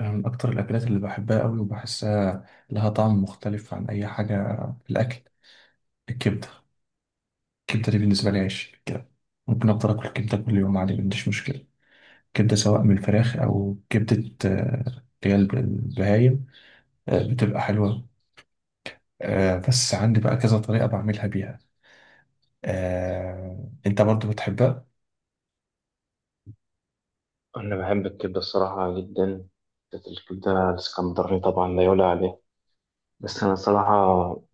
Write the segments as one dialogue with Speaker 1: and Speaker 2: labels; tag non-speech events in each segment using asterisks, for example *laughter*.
Speaker 1: من أكتر الأكلات اللي بحبها أوي وبحسها لها طعم مختلف عن أي حاجة في الأكل، الكبدة. الكبدة دي بالنسبة لي عيش كده، ممكن أفضل آكل كبدة كل يوم عادي، ما عنديش مشكلة. كبدة سواء من الفراخ أو كبدة، اللي هي البهايم، بتبقى حلوة. بس عندي بقى كذا طريقة بعملها بيها. أنت برضو بتحبها؟
Speaker 2: أنا بحب الكبدة الصراحة جدا، بالذات الكبدة الإسكندراني طبعا لا يعلى عليه. بس أنا صراحة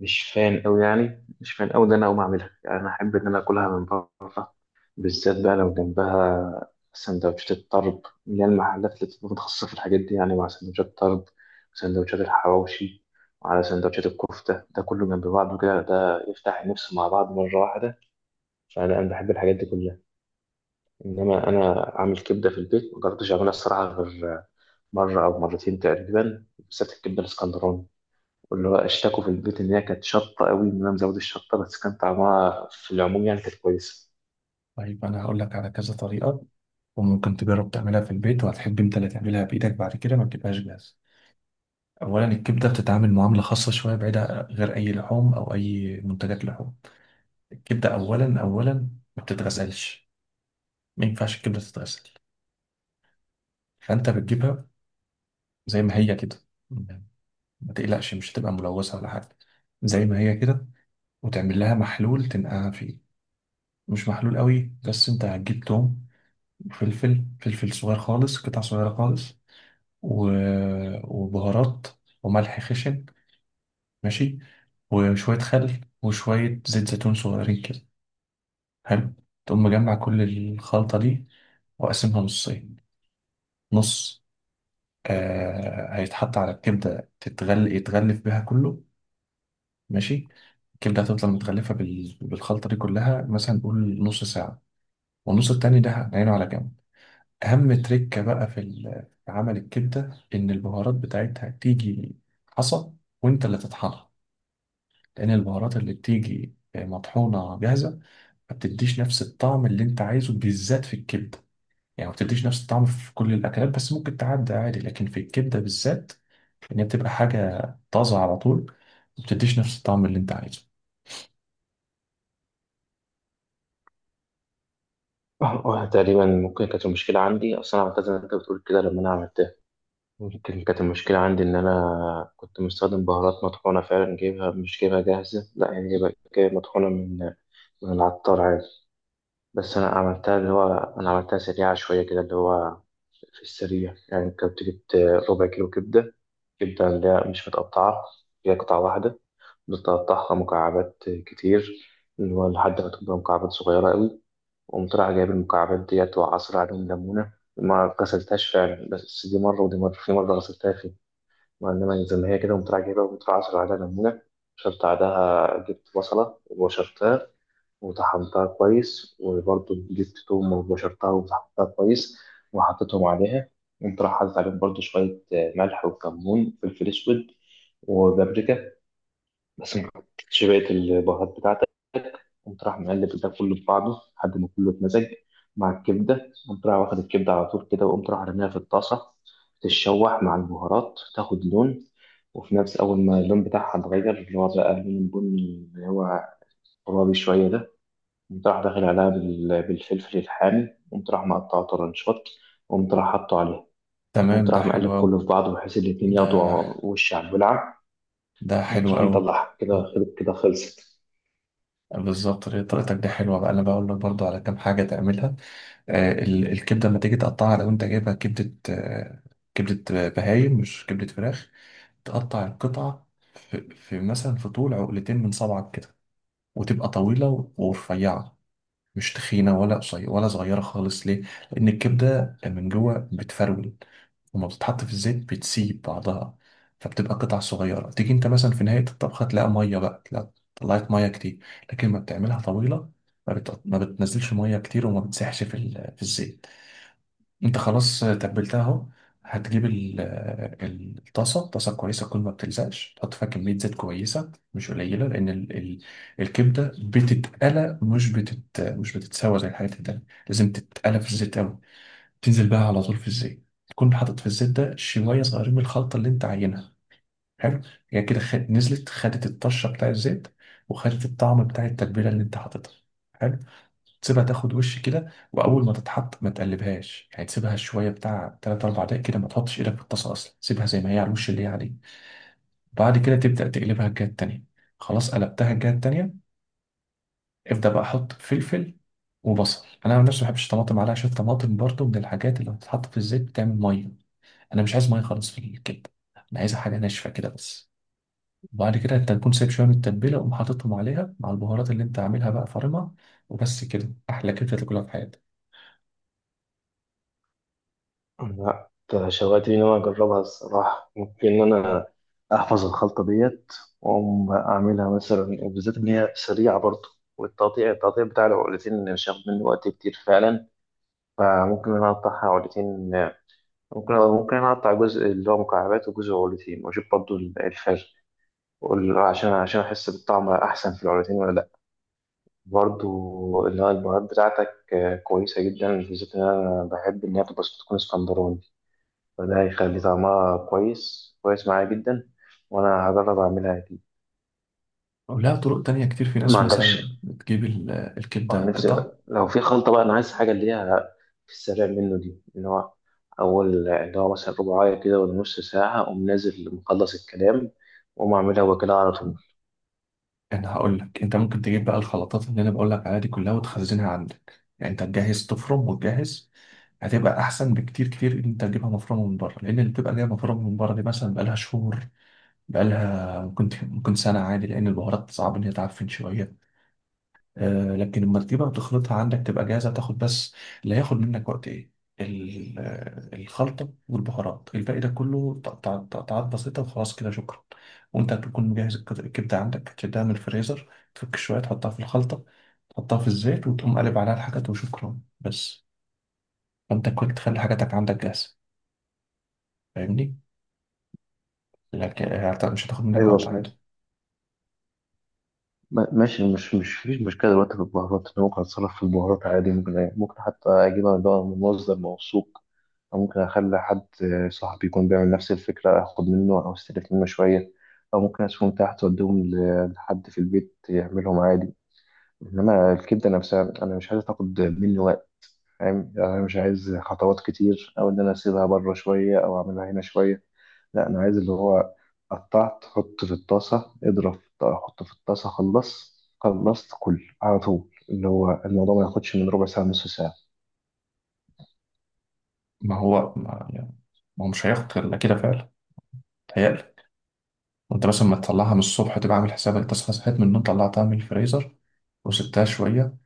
Speaker 2: مش فان أوي، إن أنا أقوم أعملها، يعني أنا أحب إن أنا أكلها من بره، بالذات بقى لو جنبها سندوتشات الطرب، اللي هي المحلات اللي بتبقى متخصصة في الحاجات دي، يعني مع سندوتشات الطرب وسندوتشات الحواوشي وعلى سندوتشات الكفتة، ده كله جنب بعضه كده، ده يفتح النفس مع بعض مرة واحدة. فأنا بحب الحاجات دي كلها. إنما أنا أعمل كبدة في البيت مجربتش أعملها الصراحة غير مرة أو مرتين تقريبا، بالذات الكبدة الإسكندراني، واللي هو اشتكوا في البيت إن هي كانت شطة قوي، إن أنا مزود الشطة، بس كان طعمها في العموم يعني كانت كويسة.
Speaker 1: طيب أنا هقول لك على كذا طريقة، وممكن تجرب تعملها في البيت وهتحب أنت اللي تعملها بإيدك بعد كده، ما تبقاش جاهزة. اولا الكبده بتتعامل معامله خاصه شويه بعيده غير اي لحوم او اي منتجات لحوم. الكبده اولا ما بتتغسلش، ما ينفعش الكبده تتغسل. فانت بتجيبها زي ما هي كده، ما تقلقش مش هتبقى ملوثه ولا حاجه، زي ما هي كده، وتعمل لها محلول تنقعها فيه. مش محلول قوي، بس انت هتجيب توم، وفلفل صغير خالص، قطع صغيره خالص، و... وبهارات وملح خشن، ماشي، وشويه خل وشويه زيت زيتون صغيرين كده. حلو. تقوم مجمع كل الخلطة دي وأقسمها نصين. نص، هيتحط على الكبدة تتغل يتغلف بها كله، ماشي. الكبدة هتفضل متغلفة بالخلطة دي كلها مثلا نقول نص ساعة، والنص التاني ده هنعينه على جنب. أهم تريكة بقى في عمل الكبدة إن البهارات بتاعتها تيجي حصى، وأنت اللي تطحنها، لأن البهارات اللي بتيجي مطحونة جاهزة ما بتديش نفس الطعم اللي أنت عايزه بالذات في الكبدة. يعني ما بتديش نفس الطعم في كل الأكلات بس ممكن تعدي عادي، لكن في الكبدة بالذات، إن هي بتبقى حاجة طازة على طول، ما بتديش نفس الطعم اللي أنت عايزه.
Speaker 2: *laughs* تقريبا ممكن كانت المشكلة عندي، أصل أنا عملتها زي ما أنت بتقول كده، لما أنا عملتها ممكن كانت المشكلة عندي إن أنا كنت مستخدم بهارات مطحونة فعلا، جايبها مش جايبها جاهزة، لا يعني جايبها مطحونة من العطار عادي. بس أنا عملتها اللي هو أنا عملتها سريعة شوية كده، اللي هو في السريع، يعني كنت جبت ربع كيلو كبدة. الكبدة اللي هي مش متقطعة، هي قطعة واحدة، بتقطعها مكعبات كتير، اللي هو لحد ما تبقى مكعبات صغيرة قوي. وقمت رايح جايب المكعبات ديت وعصر عليهم ليمونة، ما غسلتهاش فعلا، بس دي مرة ودي مرة، في مرة غسلتها فيه، ما إنما زي ما هي كده قمت رايح جايبها وقمت رايح عصر عليها ليمونة. شربت بعدها جبت بصلة وبشرتها وطحنتها كويس، وبرضه جبت توم وبشرتها وطحنتها كويس وحطيتهم عليها. قمت راح حاطط عليهم برضه شوية ملح وكمون وفلفل أسود وبابريكا، بس ما حطيتش بقية البهارات بتاعتك. قمت راح مقلب ده كله في بعضه لحد ما كله اتمزج مع الكبدة. قمت راح واخد الكبدة على طول كده وقمت راح رميها في الطاسة تتشوح مع البهارات تاخد لون. وفي نفس أول ما اللون بتاعها اتغير، اللي هو بقى لون بني اللي هو غرابي شوية ده، قمت راح داخل عليها بالفلفل الحامي، قمت راح مقطعه طرنشات، قمت راح حاطه عليها.
Speaker 1: تمام،
Speaker 2: قمت
Speaker 1: ده
Speaker 2: راح مقلب
Speaker 1: حلو أوي.
Speaker 2: كله في بعضه بحيث الاتنين
Speaker 1: ده
Speaker 2: ياخدوا وش على الولعة.
Speaker 1: ده
Speaker 2: قمت
Speaker 1: حلو
Speaker 2: راح
Speaker 1: أوي.
Speaker 2: مطلعها كده،
Speaker 1: اه،
Speaker 2: خلت كده، خلصت.
Speaker 1: بالظبط هي طريقتك دي حلوة. بقى أنا بقول لك برضو على كام حاجة تعملها. آه، الكبدة لما تيجي تقطعها، لو أنت جايبها كبدة، آه، كبدة بهايم مش كبدة فراخ، تقطع القطعة في مثلا في طول عقلتين من صبعك كده، وتبقى طويلة ورفيعة، مش تخينة ولا قصيرة ولا صغيرة خالص. ليه؟ لأن الكبدة من جوه بتفرول، وما بتتحط في الزيت بتسيب بعضها، فبتبقى قطع صغيرة، تيجي أنت مثلا في نهاية الطبخة تلاقي مية، بقى تلاقي طلعت مية كتير. لكن ما بتعملها طويلة، ما بتنزلش مية كتير، وما بتسيحش في الزيت. انت خلاص تبلتها اهو. هتجيب الطاسه، طاسه كويسه تكون ما بتلزقش، تحط فيها كميه زيت كويسه مش قليله، لان ال ال الكبده بتتقلى، مش بتتسوى زي الحاجات التانيه، لازم تتقلى في الزيت قوي. تنزل بقى على طول في الزيت، تكون حاطط في الزيت ده شويه صغيرين من الخلطه اللي انت عاينها. حلو. هي كده نزلت خدت الطشه بتاع الزيت، وخدت الطعم بتاع التتبيله اللي انت حاططها. حلو. تسيبها تاخد وش كده، واول ما تتحط ما تقلبهاش، يعني تسيبها شويه بتاع 3 4 دقايق كده، ما تحطش ايدك في الطاسه اصلا، سيبها زي ما هي على الوش اللي هي عليه. بعد كده تبدا تقلبها الجهه التانيه. خلاص قلبتها الجهه التانيه، ابدا بقى حط فلفل وبصل. انا عن نفسي ما بحبش الطماطم عليها، عشان الطماطم برضو من الحاجات اللي بتتحط في الزيت بتعمل ميه، انا مش عايز ميه خالص في الكبده، انا عايزها حاجه ناشفه كده بس. وبعد كده انت تكون سايب شويه من التتبيله وقوم حاططهم عليها مع البهارات اللي انت عاملها بقى فارمها، وبس كده احلى كبده تاكلها في حياتك.
Speaker 2: لا أنت شوقتني إن أنا أجربها الصراحة، ممكن إن أنا أحفظ الخلطة ديت وأقوم أعملها مثلا، وبالذات إن هي سريعة برضه، والتقطيع التقطيع بتاع العقلتين مش هياخد مني وقت كتير فعلا. فممكن إن أنا أقطعها عقلتين. ممكن انا اقطع جزء اللي هو مكعبات وجزء عروتين، واشوف برضو الفرق، عشان احس بالطعم احسن في العروتين ولا لا. برضو اللي هو البهارات بتاعتك كويسه جدا، بالذات ان انا بحب ان هي تبقى تكون اسكندراني، فده هيخلي طعمها كويس كويس معايا جدا، وانا هجرب اعملها اكيد.
Speaker 1: ولها طرق تانية كتير، في
Speaker 2: ما
Speaker 1: ناس مثلا
Speaker 2: عندكش
Speaker 1: بتجيب
Speaker 2: اه،
Speaker 1: الكبدة قطع.
Speaker 2: نفسي لو في خلطة بقى، أنا عايز حاجة اللي هي في السريع منه دي، اللي هو أول اللي هو مثلا رباعية كده ولا نص ساعة أقوم نازل مخلص الكلام وأقوم أعملها وكده على طول.
Speaker 1: أنا هقول لك، أنت ممكن تجيب بقى الخلطات اللي أنا بقول لك عليها دي كلها وتخزنها عندك، يعني أنت تجهز تفرم وتجهز. هتبقى أحسن بكتير إن أنت تجيبها مفرومة من بره، لأن اللي بتبقى جاية مفرومة من بره دي مثلا بقالها شهور، بقالها ممكن سنة عادي، لأن البهارات صعب إن هي تعفن شوية. لكن لما تجيبها وتخلطها عندك تبقى جاهزة تاخد بس. اللي هياخد منك وقت ايه؟ الخلطة والبهارات. الباقي ده كله تقطعات بسيطة وخلاص كده شكرا. وانت هتكون مجهز الكبدة عندك، هتشدها من الفريزر، تفك شوية تحطها في الخلطة، تحطها في الزيت وتقوم قلب عليها الحاجات وشكرا بس. فانت كنت تخلي حاجاتك عندك جاهزة، فاهمني؟ لكن مش هتاخد منك
Speaker 2: ايوه
Speaker 1: وقت
Speaker 2: صحيح.
Speaker 1: عادي.
Speaker 2: ماشي، مش فيش مشكله دلوقتي في البهارات، انا ممكن اتصرف في البهارات عادي، ممكن حتى اجيبها من بقى من مصدر موثوق، او ممكن اخلي حد صاحبي يكون بيعمل نفس الفكره اخد منه او استلف منه شويه، او ممكن اسيبهم تحت واديهم لحد في البيت يعملهم عادي. انما الكبده نفسها انا مش عايز تاخد مني وقت، فاهم يعني، انا مش عايز خطوات كتير او ان انا اسيبها بره شويه او اعملها هنا شويه. لا انا عايز اللي هو قطعت حط في الطاسه حط في الطاسه خلص خلصت كل على طول، اللي هو الموضوع ما ياخدش من ربع ساعه نص ساعه.
Speaker 1: ما هو ما هو مش هياخد إلا كده فعلا، تهيألي. وانت مثلا ما تطلعها من الصبح، تبقى عامل حسابك تصحى، صحيت من النوم طلعتها من الفريزر وسبتها شوية،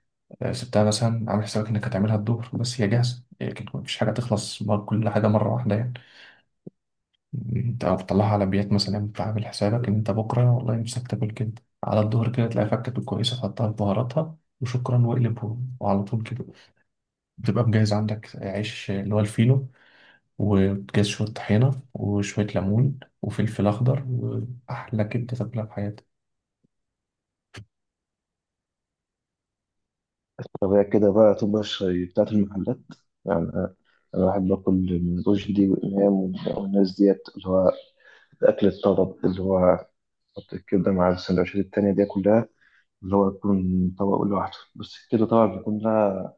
Speaker 1: سبتها مثلا عامل حسابك انك هتعملها الظهر، بس هي جاهزة، لكن مفيش حاجة تخلص كل حاجة مرة واحدة يعني. انت لو بتطلعها على بيات مثلا، انت عامل حسابك ان انت بكرة والله نفسك تاكل كده على الظهر كده، تلاقي فكة كويسة تحطها في بهاراتها وشكرا واقلب وعلى طول كده. بتبقى مجهز عندك عيش اللي هو الفينو، وبتجهز شوية طحينة وشوية ليمون وفلفل أخضر، وأحلى كبدة تاكلها في حياتك.
Speaker 2: طب هي كده بقى تبقى الشاي بتاعت المحلات يعني، أنا بحب اكل من رشدي وامام والناس ديت، اللي هو الاكل الطلب، اللي هو حط الكبده مع السندوتشات التانيه دي كلها، اللي هو يكون طبق لوحده بس كده، طبعا بيكون لها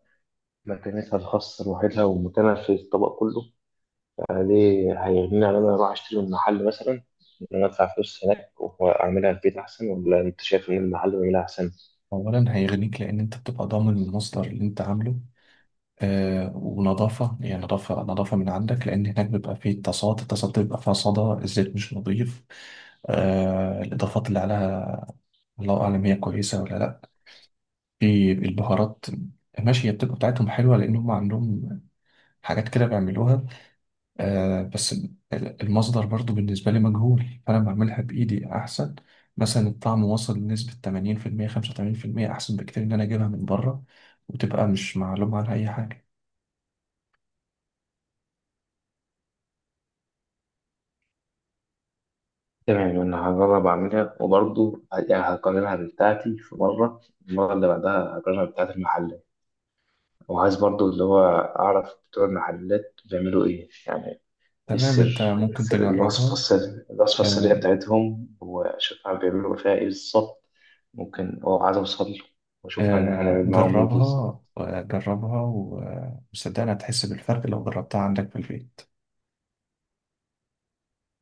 Speaker 2: مكانتها الخاصة لوحدها ومكانها في الطبق كله عليه، هيغنيني عن إن أنا أروح أشتري من محل مثلا، إن أنا أدفع فلوس هناك وأعملها في البيت أحسن، ولا أنت شايف إن المحل بيعملها أحسن؟
Speaker 1: أولا هيغنيك لأن أنت بتبقى ضامن المصدر اللي أنت عامله، آه، ونظافة، يعني نظافة من عندك، لأن هناك بيبقى فيه تصاد، التصاد بيبقى فيها صدى، الزيت مش نظيف، آه. الإضافات اللي عليها الله أعلم هي كويسة ولا لأ، في البهارات. ماشي، هي بتبقى بتاعتهم حلوة لأن هم عندهم حاجات كده بيعملوها، آه، بس المصدر برضو بالنسبة لي مجهول، فأنا بعملها بإيدي أحسن. مثلا الطعم وصل لنسبة 80% 85%، أحسن بكتير إن أنا أجيبها من بره وتبقى مش معلوم عنها أي حاجة.
Speaker 2: تمام أنا هجرب أعملها، وبرضه يعني هقارنها بتاعتي في مرة، المرة اللي بعدها هقارنها بتاعت المحل. وعايز برضه اللي هو أعرف بتوع المحلات بيعملوا إيه يعني، ايه
Speaker 1: تمام، أنت
Speaker 2: السر
Speaker 1: ممكن تجربها.
Speaker 2: الوصفة السرية
Speaker 1: آه،
Speaker 2: بتاعتهم، وأشوف هما بيعملوا فيها ايه بالظبط. ممكن أو عايز أوصل له وأشوف
Speaker 1: آه،
Speaker 2: هنعمل معاهم ايه بالظبط.
Speaker 1: جربها، جربها وصدقني هتحس بالفرق لو جربتها عندك في البيت.